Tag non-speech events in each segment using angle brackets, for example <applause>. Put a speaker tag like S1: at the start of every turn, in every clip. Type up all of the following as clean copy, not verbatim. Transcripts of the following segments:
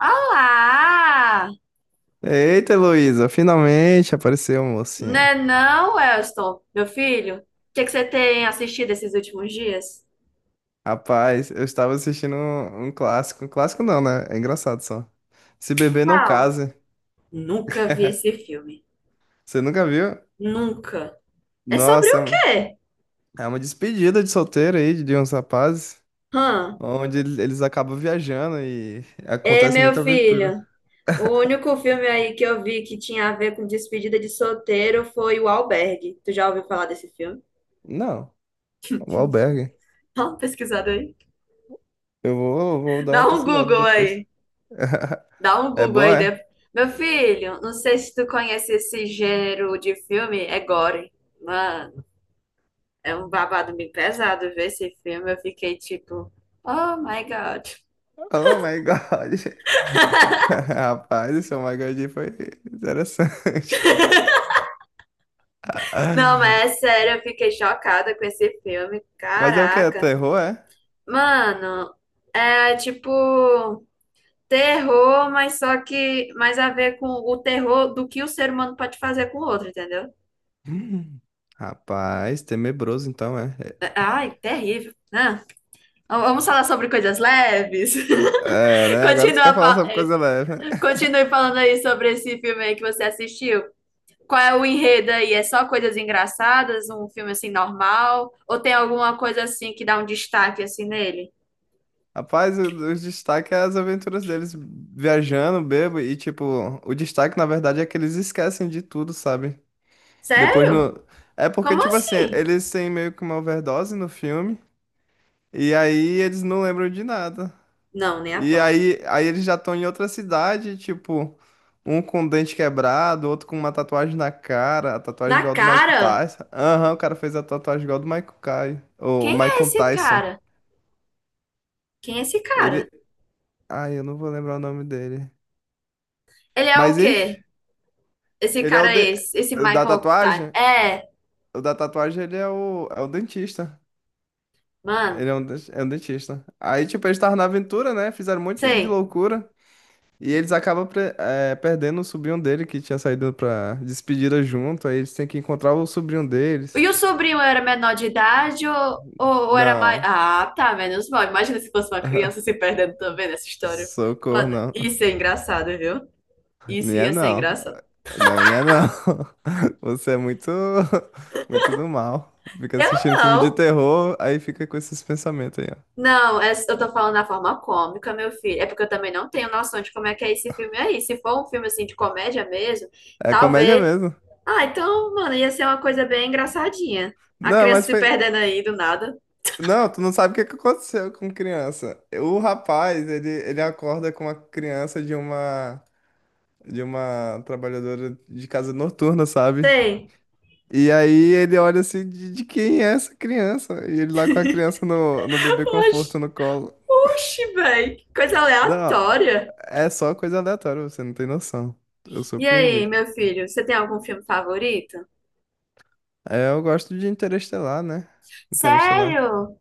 S1: Olá!
S2: Eita, Heloísa, finalmente apareceu, mocinha.
S1: Né não, Elston, meu filho? O que é que você tem assistido esses últimos dias?
S2: Rapaz, eu estava assistindo um clássico. Um clássico não, né? É engraçado só. Se beber não
S1: Qual?
S2: case.
S1: Nunca vi esse filme.
S2: Você nunca viu?
S1: Nunca. É sobre
S2: Nossa, é
S1: o
S2: um-
S1: quê?
S2: é uma despedida de solteiro aí de uns rapazes,
S1: Hã?
S2: onde eles acabam viajando e
S1: É,
S2: acontece
S1: meu
S2: muita aventura.
S1: filho, o único filme aí que eu vi que tinha a ver com despedida de solteiro foi O Albergue. Tu já ouviu falar desse filme?
S2: Não, o albergue.
S1: <laughs> Dá uma pesquisada aí.
S2: Eu vou dar uma
S1: Dá um
S2: pesquisada
S1: Google
S2: depois.
S1: aí.
S2: <laughs>
S1: Dá um
S2: É
S1: Google
S2: bom,
S1: aí.
S2: é?
S1: Meu filho, não sei se tu conhece esse gênero de filme, é gore. Mano. É um babado bem pesado ver esse filme. Eu fiquei tipo, oh my God.
S2: Oh my God. <laughs> Rapaz, esse Oh my God foi interessante.
S1: Não,
S2: <laughs>
S1: mas é sério, eu fiquei chocada com esse filme.
S2: Mas é o que? É
S1: Caraca.
S2: terror, é?
S1: Mano, é tipo terror, mas só que mais a ver com o terror do que o ser humano pode fazer com o outro, entendeu?
S2: Hum. Rapaz, tenebroso então, é.
S1: Ai, terrível, né? Vamos falar sobre coisas leves.
S2: É,
S1: <laughs>
S2: né? Agora tu quer
S1: Continua,
S2: falar
S1: fa-
S2: sobre
S1: eh,
S2: coisa leve, né? <laughs>
S1: Continue falando aí sobre esse filme aí que você assistiu. Qual é o enredo aí? É só coisas engraçadas, um filme assim normal? Ou tem alguma coisa assim que dá um destaque assim nele?
S2: Rapaz, o destaque é as aventuras deles viajando, bebo, e tipo, o destaque na verdade é que eles esquecem de tudo, sabe? Depois
S1: Sério?
S2: no. É porque,
S1: Como
S2: tipo assim,
S1: assim?
S2: eles têm meio que uma overdose no filme, e aí eles não lembram de nada.
S1: Não, nem a
S2: E
S1: pau.
S2: aí, aí eles já estão em outra cidade, tipo, um com o dente quebrado, outro com uma tatuagem na cara, a tatuagem
S1: Na
S2: igual a do Mike
S1: cara?
S2: Tyson. Aham, o cara fez a tatuagem igual a do Michael Kai, o
S1: Quem é
S2: Michael
S1: esse
S2: Tyson.
S1: cara? Quem é esse cara?
S2: Ele, ai, eu não vou lembrar o nome dele.
S1: Ele é o
S2: Mas
S1: quê?
S2: enfim,
S1: Esse
S2: ele é o,
S1: cara é
S2: de...
S1: esse
S2: o da
S1: Michael, tá.
S2: tatuagem,
S1: É,
S2: o da tatuagem ele é o é o dentista.
S1: mano,
S2: Ele é um é um dentista. Aí, tipo, eles estavam na aventura, né? Fizeram um monte de
S1: sei.
S2: loucura. E eles acabam perdendo o sobrinho dele que tinha saído pra despedida junto. Aí eles têm que encontrar o sobrinho
S1: E
S2: deles.
S1: o sobrinho era menor de idade ou era mais.
S2: Não.
S1: Ah, tá, menos mal. Imagina se fosse uma criança se
S2: <laughs>
S1: perdendo também nessa história.
S2: Socorro,
S1: Mano,
S2: não.
S1: isso é engraçado, viu?
S2: Não
S1: Isso
S2: ia
S1: ia ser
S2: não.
S1: engraçado.
S2: Não ia não. <laughs> Você é <laughs> muito do mal. Fica
S1: Eu
S2: assistindo filme de
S1: não.
S2: terror, aí fica com esses pensamentos aí, ó.
S1: Não, eu tô falando da forma cômica, meu filho. É porque eu também não tenho noção de como é que é esse filme aí. Se for um filme assim de comédia mesmo,
S2: É comédia
S1: talvez.
S2: mesmo.
S1: Ah, então, mano, ia ser uma coisa bem engraçadinha. A
S2: Não,
S1: criança
S2: mas
S1: se
S2: foi.
S1: perdendo aí do nada.
S2: Não, tu não sabe o que que aconteceu com criança. O rapaz, ele acorda com uma criança de uma. De uma trabalhadora de casa noturna, sabe?
S1: Sei.
S2: E aí ele olha assim, de quem é essa criança? E ele lá com a criança no, no bebê conforto
S1: Oxi,
S2: no colo.
S1: oxi, velho. Que coisa
S2: Não,
S1: aleatória.
S2: é só coisa aleatória, você não tem noção. Eu
S1: E
S2: surpreendi.
S1: aí, meu filho, você tem algum filme favorito?
S2: É, eu gosto de Interestelar, né? Interestelar.
S1: Sério?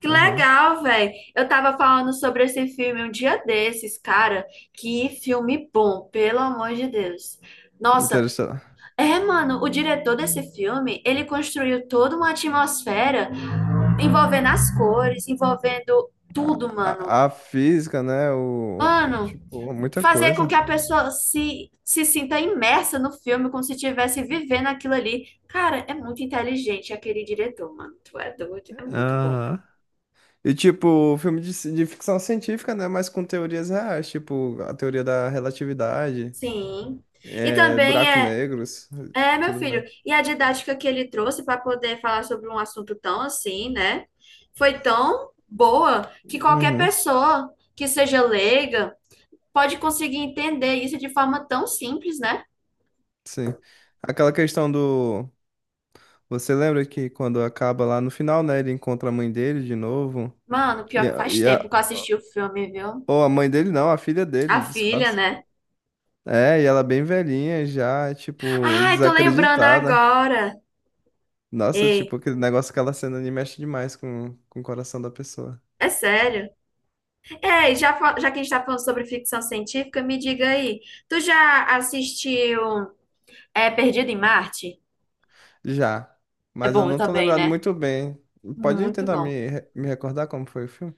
S1: Que
S2: Aham.
S1: legal, velho. Eu tava falando sobre esse filme um dia desses, cara. Que filme bom, pelo amor de Deus. Nossa,
S2: Interestelar.
S1: é, mano, o diretor desse filme, ele construiu toda uma atmosfera envolvendo as cores, envolvendo
S2: A,
S1: tudo, mano.
S2: a, a física, né? O,
S1: Mano,
S2: tipo, muita
S1: fazer com
S2: coisa.
S1: que a pessoa se sinta imersa no filme, como se estivesse vivendo aquilo ali. Cara, é muito inteligente aquele diretor, mano. Tu é doido, é muito bom.
S2: Aham. E tipo, filme de, de ficção científica, né? Mas com teorias reais, tipo, a teoria da relatividade,
S1: Sim. E
S2: é,
S1: também
S2: buracos
S1: é.
S2: negros,
S1: É, meu
S2: tudo
S1: filho.
S2: mais.
S1: E a didática que ele trouxe para poder falar sobre um assunto tão assim, né? Foi tão boa que qualquer
S2: Uhum,
S1: pessoa que seja leiga pode conseguir entender isso de forma tão simples, né?
S2: sim. Aquela questão do. Você lembra que quando acaba lá no final, né? Ele encontra a mãe dele de novo.
S1: Mano, pior
S2: E
S1: que
S2: a,
S1: faz
S2: e
S1: tempo
S2: a...
S1: que eu assisti o filme, viu?
S2: Ou a mãe dele não, a filha
S1: A
S2: dele,
S1: filha,
S2: disfarça.
S1: né?
S2: É, e ela bem velhinha já, tipo,
S1: Ai, tô lembrando
S2: desacreditada.
S1: agora.
S2: Nossa,
S1: Ei,
S2: tipo, aquele negócio, aquela cena ali mexe demais com o coração da pessoa.
S1: é sério. Ei, já que a gente tá falando sobre ficção científica, me diga aí. Tu já assistiu, Perdido em Marte?
S2: Já,
S1: É
S2: mas eu
S1: bom
S2: não tô
S1: também,
S2: lembrado
S1: né?
S2: muito bem. Pode
S1: Muito
S2: tentar
S1: bom.
S2: me recordar como foi o filme?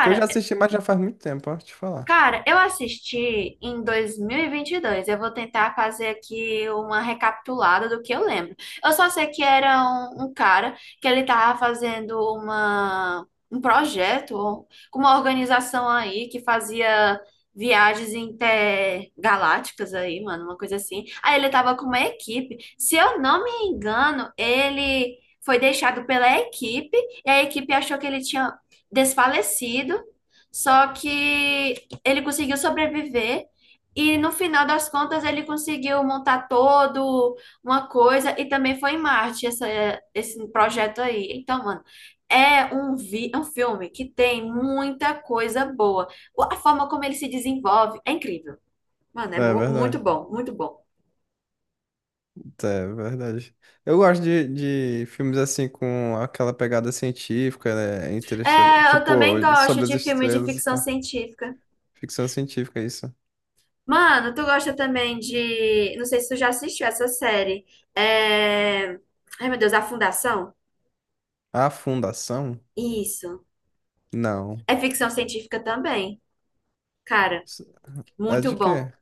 S2: Que eu já assisti, mas já faz muito tempo, ó, te falar.
S1: Cara, eu assisti em dois mil e vinte e dois. Eu vou tentar fazer aqui uma recapitulada do que eu lembro. Eu só sei que era um cara que ele tava fazendo um projeto com uma organização aí que fazia viagens intergalácticas aí, mano, uma coisa assim. Aí ele tava com uma equipe. Se eu não me engano, ele foi deixado pela equipe e a equipe achou que ele tinha desfalecido. Só que ele conseguiu sobreviver e no final das contas ele conseguiu montar todo uma coisa e também foi em Marte esse projeto aí. Então, mano, é um filme que tem muita coisa boa. A forma como ele se desenvolve é incrível. Mano, é
S2: É
S1: muito
S2: verdade.
S1: bom, muito bom.
S2: É verdade. Eu gosto de filmes assim com aquela pegada científica, né? Interestelar.
S1: É, eu também
S2: Tipo,
S1: gosto
S2: sobre as
S1: de filme de
S2: estrelas e
S1: ficção
S2: tal.
S1: científica.
S2: Ficção científica, é isso.
S1: Mano, tu gosta também de. Não sei se tu já assistiu essa série. É... Ai, meu Deus, A Fundação?
S2: A Fundação?
S1: Isso.
S2: Não.
S1: É ficção científica também, cara,
S2: S- É
S1: muito
S2: de quê?
S1: bom.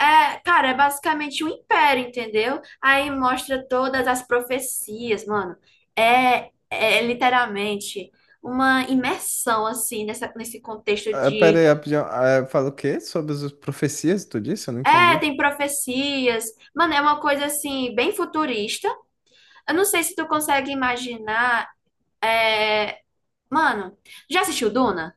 S1: É, cara, é basicamente um império, entendeu? Aí mostra todas as profecias, mano. É literalmente uma imersão, assim, nesse contexto
S2: Ah, pera
S1: de.
S2: aí, rapidinho. Ah, é, fala o quê? Sobre as profecias, tu disse? Eu não
S1: É,
S2: entendi.
S1: tem profecias. Mano, é uma coisa, assim, bem futurista. Eu não sei se tu consegue imaginar. é, Mano, já assistiu Duna?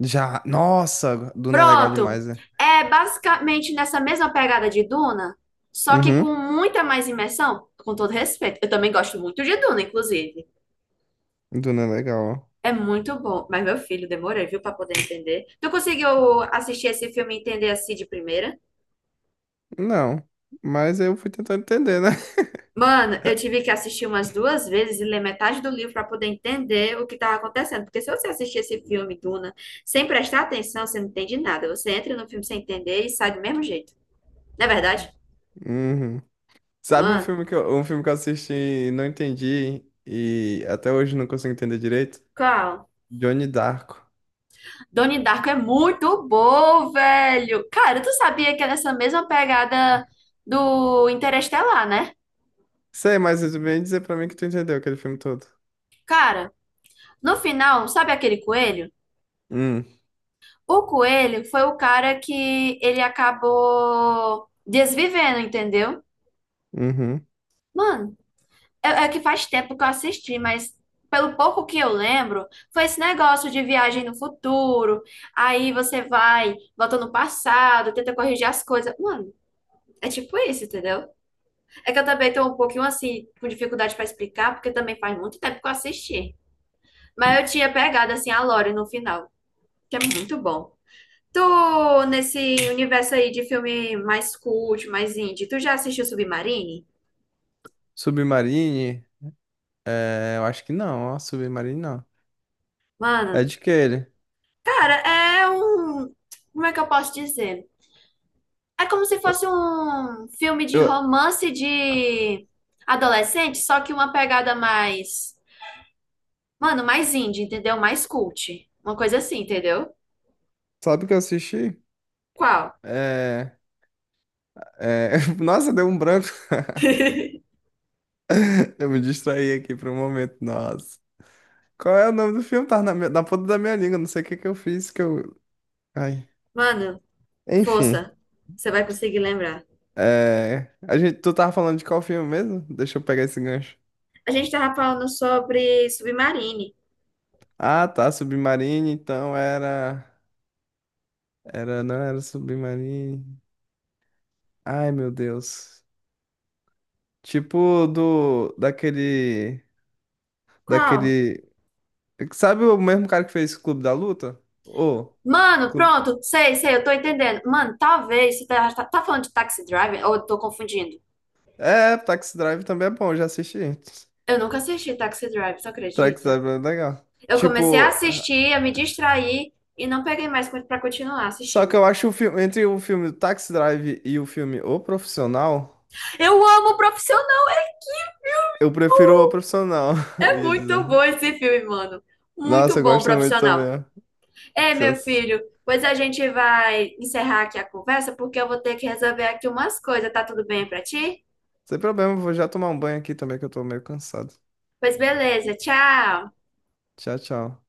S2: Já. Nossa, Duna é legal
S1: Pronto.
S2: demais, né?
S1: É basicamente nessa mesma pegada de Duna, só que
S2: Uhum.
S1: com muita mais imersão, com todo respeito. Eu também gosto muito de Duna, inclusive.
S2: Duna é legal.
S1: É muito bom. Mas, meu filho, demorei, viu, pra poder entender. Tu conseguiu assistir esse filme e entender assim de primeira?
S2: Ó. Não, mas eu fui tentando entender, né? <laughs>
S1: Mano, eu tive que assistir umas duas vezes e ler metade do livro pra poder entender o que tava acontecendo. Porque se você assistir esse filme, Duna, sem prestar atenção, você não entende nada. Você entra no filme sem entender e sai do mesmo jeito. Não é verdade?
S2: Uhum. Sabe
S1: Mano,
S2: um filme que eu assisti e não entendi e até hoje não consigo entender direito?
S1: qual?
S2: Johnny Darko.
S1: Donnie Darko é muito bom, velho. Cara, tu sabia que é nessa mesma pegada do Interestelar, né?
S2: Sei, mas tu vem dizer pra mim que tu entendeu aquele filme todo.
S1: Cara, no final, sabe aquele coelho?
S2: Hum,
S1: O coelho foi o cara que ele acabou desvivendo, entendeu?
S2: uhum.
S1: Mano, é que faz tempo que eu assisti, mas pelo pouco que eu lembro, foi esse negócio de viagem no futuro. Aí você vai, volta no passado, tenta corrigir as coisas. Mano, é tipo isso, entendeu? É que eu também tô um pouquinho assim, com dificuldade para explicar, porque também faz muito tempo que eu assisti. Mas eu tinha pegado assim a Lore no final, que é muito bom. Tu, Nesse universo aí de filme mais cult, mais indie, tu já assistiu Submarine?
S2: Submarine? É, eu acho que não, ó, Submarine não. É
S1: Mano,
S2: de que ele?
S1: cara, é um. Como é que eu posso dizer? É como se
S2: Eu,
S1: fosse um filme de
S2: eu-
S1: romance de adolescente, só que uma pegada mais. Mano, mais indie, entendeu? Mais cult. Uma coisa assim, entendeu?
S2: sabe o que eu assisti?
S1: Qual?
S2: É, <laughs> nossa, deu um branco.
S1: <laughs>
S2: <laughs> Eu me distraí aqui por um momento, nossa. Qual é o nome do filme? Tá na ponta da minha língua. Não sei o que que eu fiz que eu. Ai.
S1: Mano,
S2: Enfim.
S1: força. Você vai conseguir lembrar.
S2: É... A gente, tu tava falando de qual filme mesmo? Deixa eu pegar esse gancho.
S1: A gente tava falando sobre Submarine.
S2: Ah, tá. Submarine, então era. Era, não era Submarine. Ai, meu Deus. Tipo do. Daquele.
S1: Qual?
S2: Daquele. Sabe o mesmo cara que fez Clube da Luta? Ô.
S1: Mano,
S2: Clube...
S1: pronto. Sei, sei, eu tô entendendo. Mano, talvez você tá falando de Taxi Driver, ou eu tô confundindo?
S2: É, Taxi Drive também é bom, já assisti.
S1: Eu nunca assisti Taxi Driver, tu
S2: Taxi
S1: acredita?
S2: Drive é legal.
S1: Eu comecei a
S2: Tipo.
S1: assistir, a me distrair e não peguei mais pra continuar
S2: Só que
S1: assistindo.
S2: eu acho o filme, entre o filme Taxi Drive e o filme O Profissional,
S1: Eu amo O Profissional!
S2: eu prefiro O Profissional, <laughs> eu
S1: É
S2: ia
S1: muito
S2: dizer.
S1: bom esse filme, mano. Muito
S2: Nossa, eu
S1: bom,
S2: gosto muito também.
S1: Profissional.
S2: Ó.
S1: Ei,
S2: Já-
S1: meu filho, pois a gente vai encerrar aqui a conversa porque eu vou ter que resolver aqui umas coisas, tá tudo bem pra ti?
S2: Sem problema, vou já tomar um banho aqui também, que eu tô meio cansado.
S1: Pois beleza, tchau.
S2: Tchau, tchau.